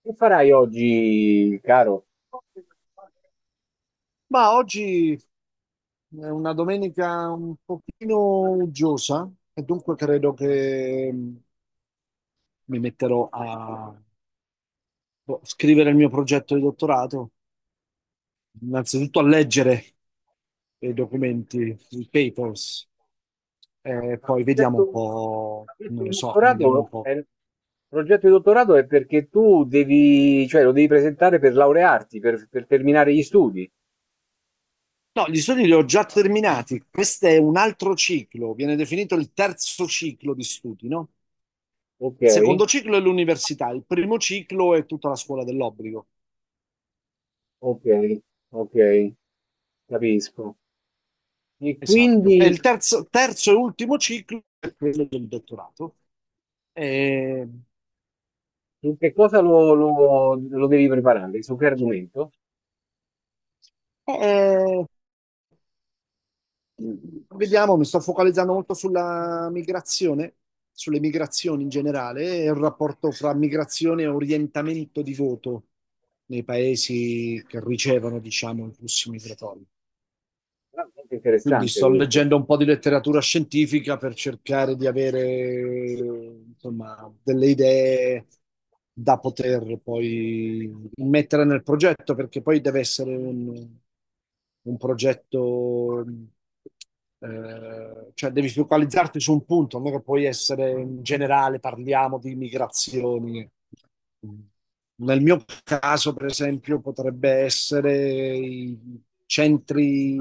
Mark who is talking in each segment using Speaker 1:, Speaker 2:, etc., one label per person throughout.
Speaker 1: Che farai oggi, caro?
Speaker 2: Ma oggi è una domenica un pochino uggiosa e dunque credo che mi metterò a scrivere il mio progetto di dottorato, innanzitutto a leggere i documenti, i papers, e
Speaker 1: Il
Speaker 2: poi vediamo un
Speaker 1: progetto,
Speaker 2: po',
Speaker 1: il progetto
Speaker 2: non lo
Speaker 1: di
Speaker 2: so, vediamo un
Speaker 1: dottorato è,
Speaker 2: po'.
Speaker 1: il progetto di dottorato è perché tu devi, cioè lo devi presentare per laurearti, per terminare gli studi.
Speaker 2: No, gli studi li ho già terminati, questo è un altro ciclo, viene definito il terzo ciclo di studi, no?
Speaker 1: Ok,
Speaker 2: Il secondo ciclo è l'università, il primo ciclo è tutta la scuola dell'obbligo.
Speaker 1: ok, ok, capisco. E
Speaker 2: Esatto.
Speaker 1: quindi
Speaker 2: E il terzo, ultimo ciclo è quello del dottorato. E-
Speaker 1: su che cosa lo, lo devi preparare? Su che argomento?
Speaker 2: e- Vediamo, mi sto focalizzando molto sulla migrazione, sulle migrazioni in generale e il rapporto fra migrazione e orientamento di voto nei paesi che ricevono, diciamo, i flussi migratori.
Speaker 1: Ah, molto
Speaker 2: Quindi
Speaker 1: interessante
Speaker 2: sto
Speaker 1: questo.
Speaker 2: leggendo un po' di letteratura scientifica per cercare di avere, insomma, delle idee da poter poi mettere nel progetto, perché poi deve essere un progetto, cioè devi focalizzarti su un punto, non è che puoi essere in generale, parliamo di migrazioni. Nel mio caso, per esempio, potrebbe essere i centri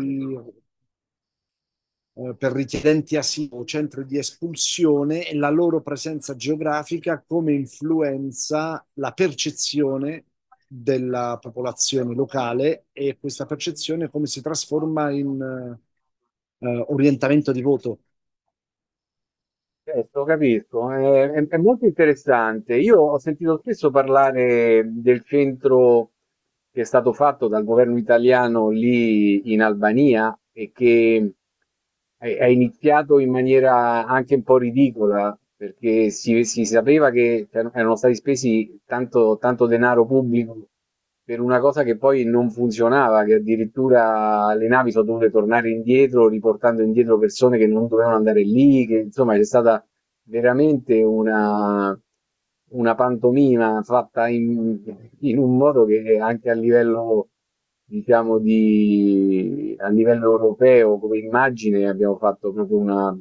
Speaker 2: per richiedenti asilo o centri di espulsione e la loro presenza geografica come influenza la percezione della popolazione locale e questa percezione come si trasforma in orientamento di voto.
Speaker 1: Certo, capisco, è, è molto interessante. Io ho sentito spesso parlare del centro che è stato fatto dal governo italiano lì in Albania e che è iniziato in maniera anche un po' ridicola, perché si sapeva che erano stati spesi tanto, tanto denaro pubblico per una cosa che poi non funzionava, che addirittura le navi sono dovute tornare indietro, riportando indietro persone che non dovevano andare lì, che insomma c'è stata veramente una pantomima fatta in, in un modo che anche a livello, diciamo, di, a livello europeo come immagine abbiamo fatto proprio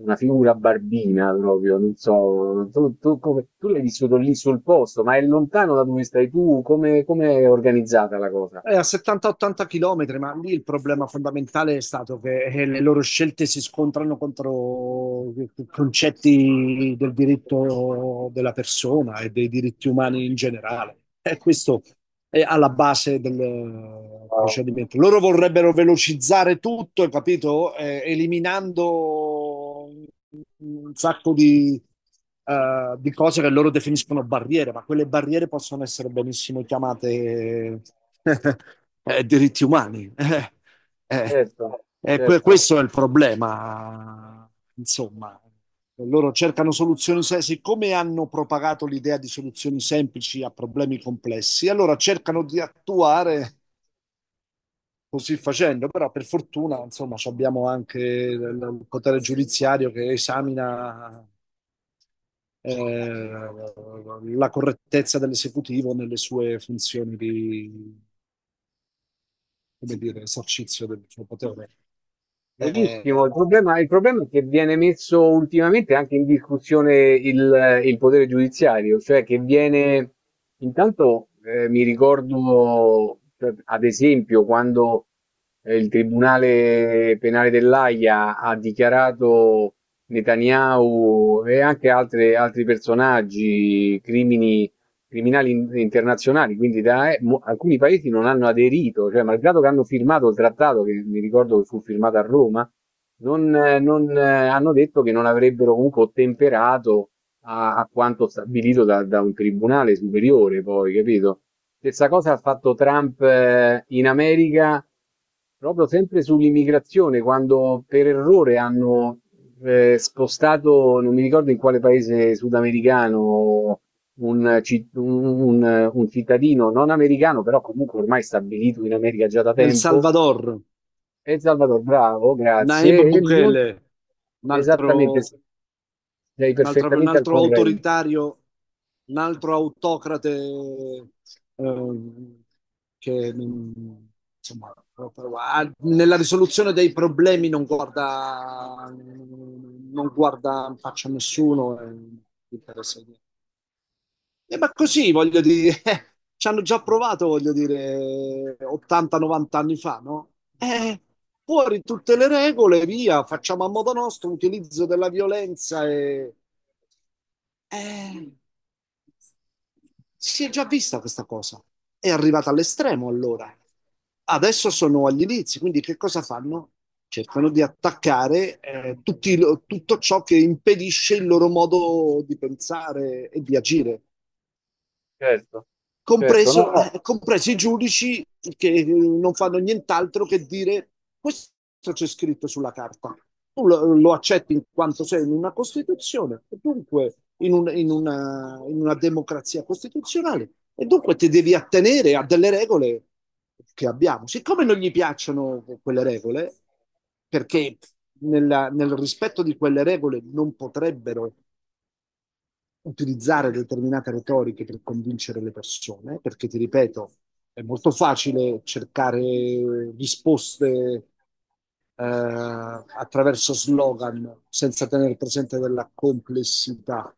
Speaker 1: una figura barbina proprio, non so, tu, tu come, tu l'hai vissuto lì sul posto, ma è lontano da dove stai tu, come, come è organizzata la cosa?
Speaker 2: È a 70-80 km, ma lì il problema fondamentale è stato che le loro scelte si scontrano contro i concetti del diritto della persona e dei diritti umani in generale. E questo è alla base del procedimento. Loro vorrebbero velocizzare tutto, capito? Eliminando un sacco di cose che loro definiscono barriere, ma quelle barriere possono essere benissimo chiamate diritti umani. Eh,
Speaker 1: Certo, certo.
Speaker 2: Questo è il problema, insomma. Loro cercano soluzioni, siccome hanno propagato l'idea di soluzioni semplici a problemi complessi, allora cercano di attuare così facendo, però per fortuna, insomma, ci abbiamo anche il potere giudiziario che esamina eh, la correttezza dell'esecutivo nelle sue funzioni di, come dire, esercizio del suo potere. Eh,
Speaker 1: Verissimo, il problema è che viene messo ultimamente anche in discussione il potere giudiziario, cioè che viene, intanto mi ricordo, cioè, ad esempio, quando il Tribunale Penale dell'Aia ha dichiarato Netanyahu e anche altri personaggi crimini criminali internazionali, quindi da, alcuni paesi non hanno aderito, cioè malgrado che hanno firmato il trattato, che mi ricordo che fu firmato a Roma, non, non, hanno detto che non avrebbero comunque ottemperato a, a quanto stabilito da, da un tribunale superiore, poi, capito? Stessa cosa ha fatto Trump in America, proprio sempre sull'immigrazione, quando per errore hanno spostato, non mi ricordo in quale paese sudamericano, un, un cittadino non americano, però comunque ormai stabilito in America già da
Speaker 2: El
Speaker 1: tempo,
Speaker 2: Salvador,
Speaker 1: è Salvador Bravo,
Speaker 2: Naib
Speaker 1: grazie. E
Speaker 2: Bukele, un
Speaker 1: esattamente,
Speaker 2: altro,
Speaker 1: sì. Sei
Speaker 2: un
Speaker 1: perfettamente al
Speaker 2: altro
Speaker 1: corrente.
Speaker 2: autoritario, un altro autocrate, ehm, che mm, insomma, nella risoluzione dei problemi non guarda, non guarda in faccia a nessuno. E interessa- ma così, voglio dire, ci hanno già provato, voglio dire, 80-90 anni fa, no? Eh, fuori tutte le regole, via, facciamo a modo nostro, utilizzo della violenza e... Eh, si è già vista questa cosa. È arrivata all'estremo allora. Adesso sono agli inizi, quindi che cosa fanno? Cercano di attaccare tutto ciò che impedisce il loro modo di pensare e di agire
Speaker 1: Certo, certo, no,
Speaker 2: compreso,
Speaker 1: no,
Speaker 2: compresi i giudici che non fanno nient'altro che dire questo c'è scritto sulla carta. Tu lo accetti in quanto sei in una Costituzione, e dunque in una democrazia costituzionale, e dunque ti devi attenere a delle regole che abbiamo. Siccome non gli piacciono quelle regole, perché nel rispetto di quelle regole non potrebbero utilizzare determinate retoriche per convincere le persone, perché ti ripeto, è molto facile cercare risposte attraverso slogan senza tenere presente della complessità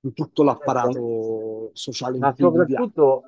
Speaker 2: di tutto
Speaker 1: certo.
Speaker 2: l'apparato sociale in
Speaker 1: Ma
Speaker 2: cui viviamo.
Speaker 1: soprattutto,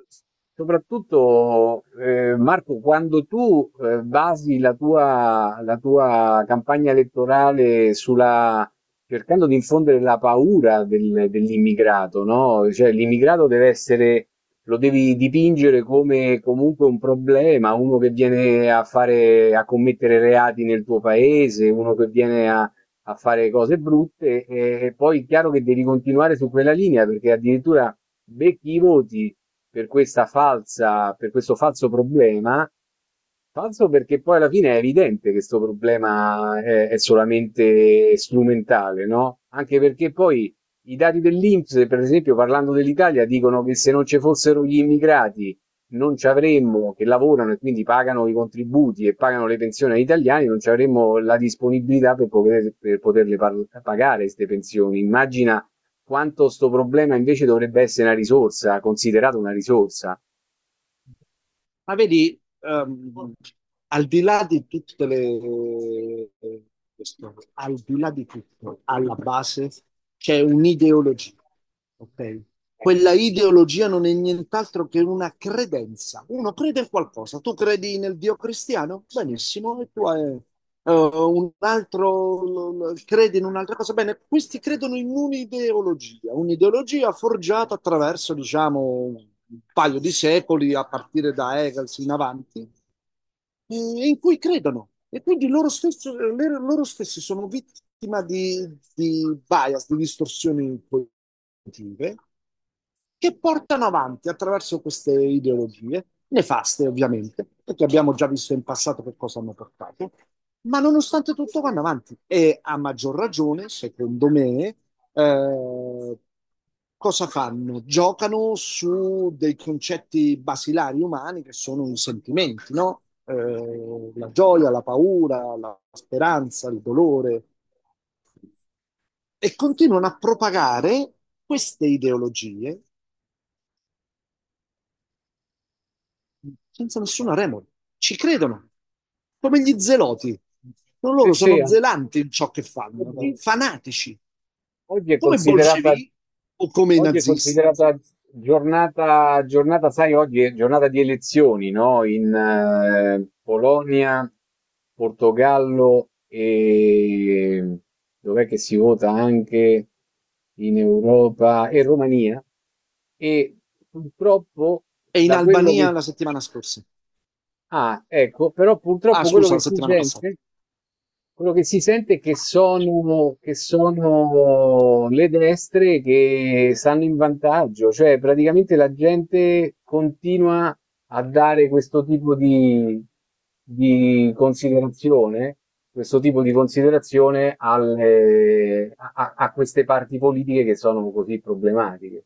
Speaker 1: soprattutto Marco, quando tu basi la tua campagna elettorale sulla, cercando di infondere la paura dell'immigrato, no? Cioè, l'immigrato deve essere, lo devi dipingere come comunque un problema, uno che viene a fare, a commettere reati nel tuo paese, uno che viene a a fare cose brutte, e poi è chiaro che devi continuare su quella linea perché addirittura becchi i voti per questa falsa, per questo falso problema pazzo perché poi alla fine è evidente che questo problema è solamente strumentale, no? Anche perché poi i dati dell'INPS, per esempio, parlando dell'Italia, dicono che se non ci fossero gli immigrati non ci avremmo, che lavorano e quindi pagano i contributi e pagano le pensioni agli italiani, non ci avremmo la disponibilità per, per pagare queste pensioni. Immagina quanto questo problema invece dovrebbe essere una risorsa, considerato una risorsa.
Speaker 2: Ma vedi, al di là di tutte le, questo, al di là di tutto, alla base c'è un'ideologia, ok? Quella ideologia non è nient'altro che una credenza. Uno crede in qualcosa. Tu credi nel Dio cristiano? Benissimo, e tu hai un altro crede in un'altra cosa. Bene, questi credono in un'ideologia, un'ideologia forgiata attraverso, diciamo, un paio di secoli, a partire da Hegel in avanti, in cui credono. E quindi loro stessi, loro stessi sono vittima di bias, di distorsioni cognitive, che portano avanti attraverso queste ideologie, nefaste ovviamente, perché abbiamo già visto in passato che cosa hanno portato, ma nonostante tutto vanno avanti. E a maggior ragione, secondo me, eh, cosa fanno? Giocano su dei concetti basilari umani che sono i sentimenti, no? La gioia, la paura, la speranza, il dolore, e continuano a propagare queste ideologie senza nessuna remora. Ci credono, come gli zeloti. Non
Speaker 1: Eh
Speaker 2: loro
Speaker 1: sì,
Speaker 2: sono zelanti in ciò che fanno,
Speaker 1: assolutamente.
Speaker 2: fanatici,
Speaker 1: Oggi è
Speaker 2: come i
Speaker 1: considerata,
Speaker 2: bolscevichi o come i
Speaker 1: oggi è
Speaker 2: nazisti.
Speaker 1: considerata giornata, giornata, sai, oggi è giornata di elezioni, no? In Polonia, Portogallo e dov'è che si vota anche in Europa e Romania. E purtroppo,
Speaker 2: E in
Speaker 1: da quello
Speaker 2: Albania
Speaker 1: che...
Speaker 2: la settimana scorsa.
Speaker 1: Ah, ecco, però
Speaker 2: Ah,
Speaker 1: purtroppo quello
Speaker 2: scusa, la
Speaker 1: che si
Speaker 2: settimana passata.
Speaker 1: sente... Quello che si sente è che sono le destre che stanno in vantaggio, cioè praticamente la gente continua a dare questo tipo di considerazione, questo tipo di considerazione a queste parti politiche che sono così problematiche.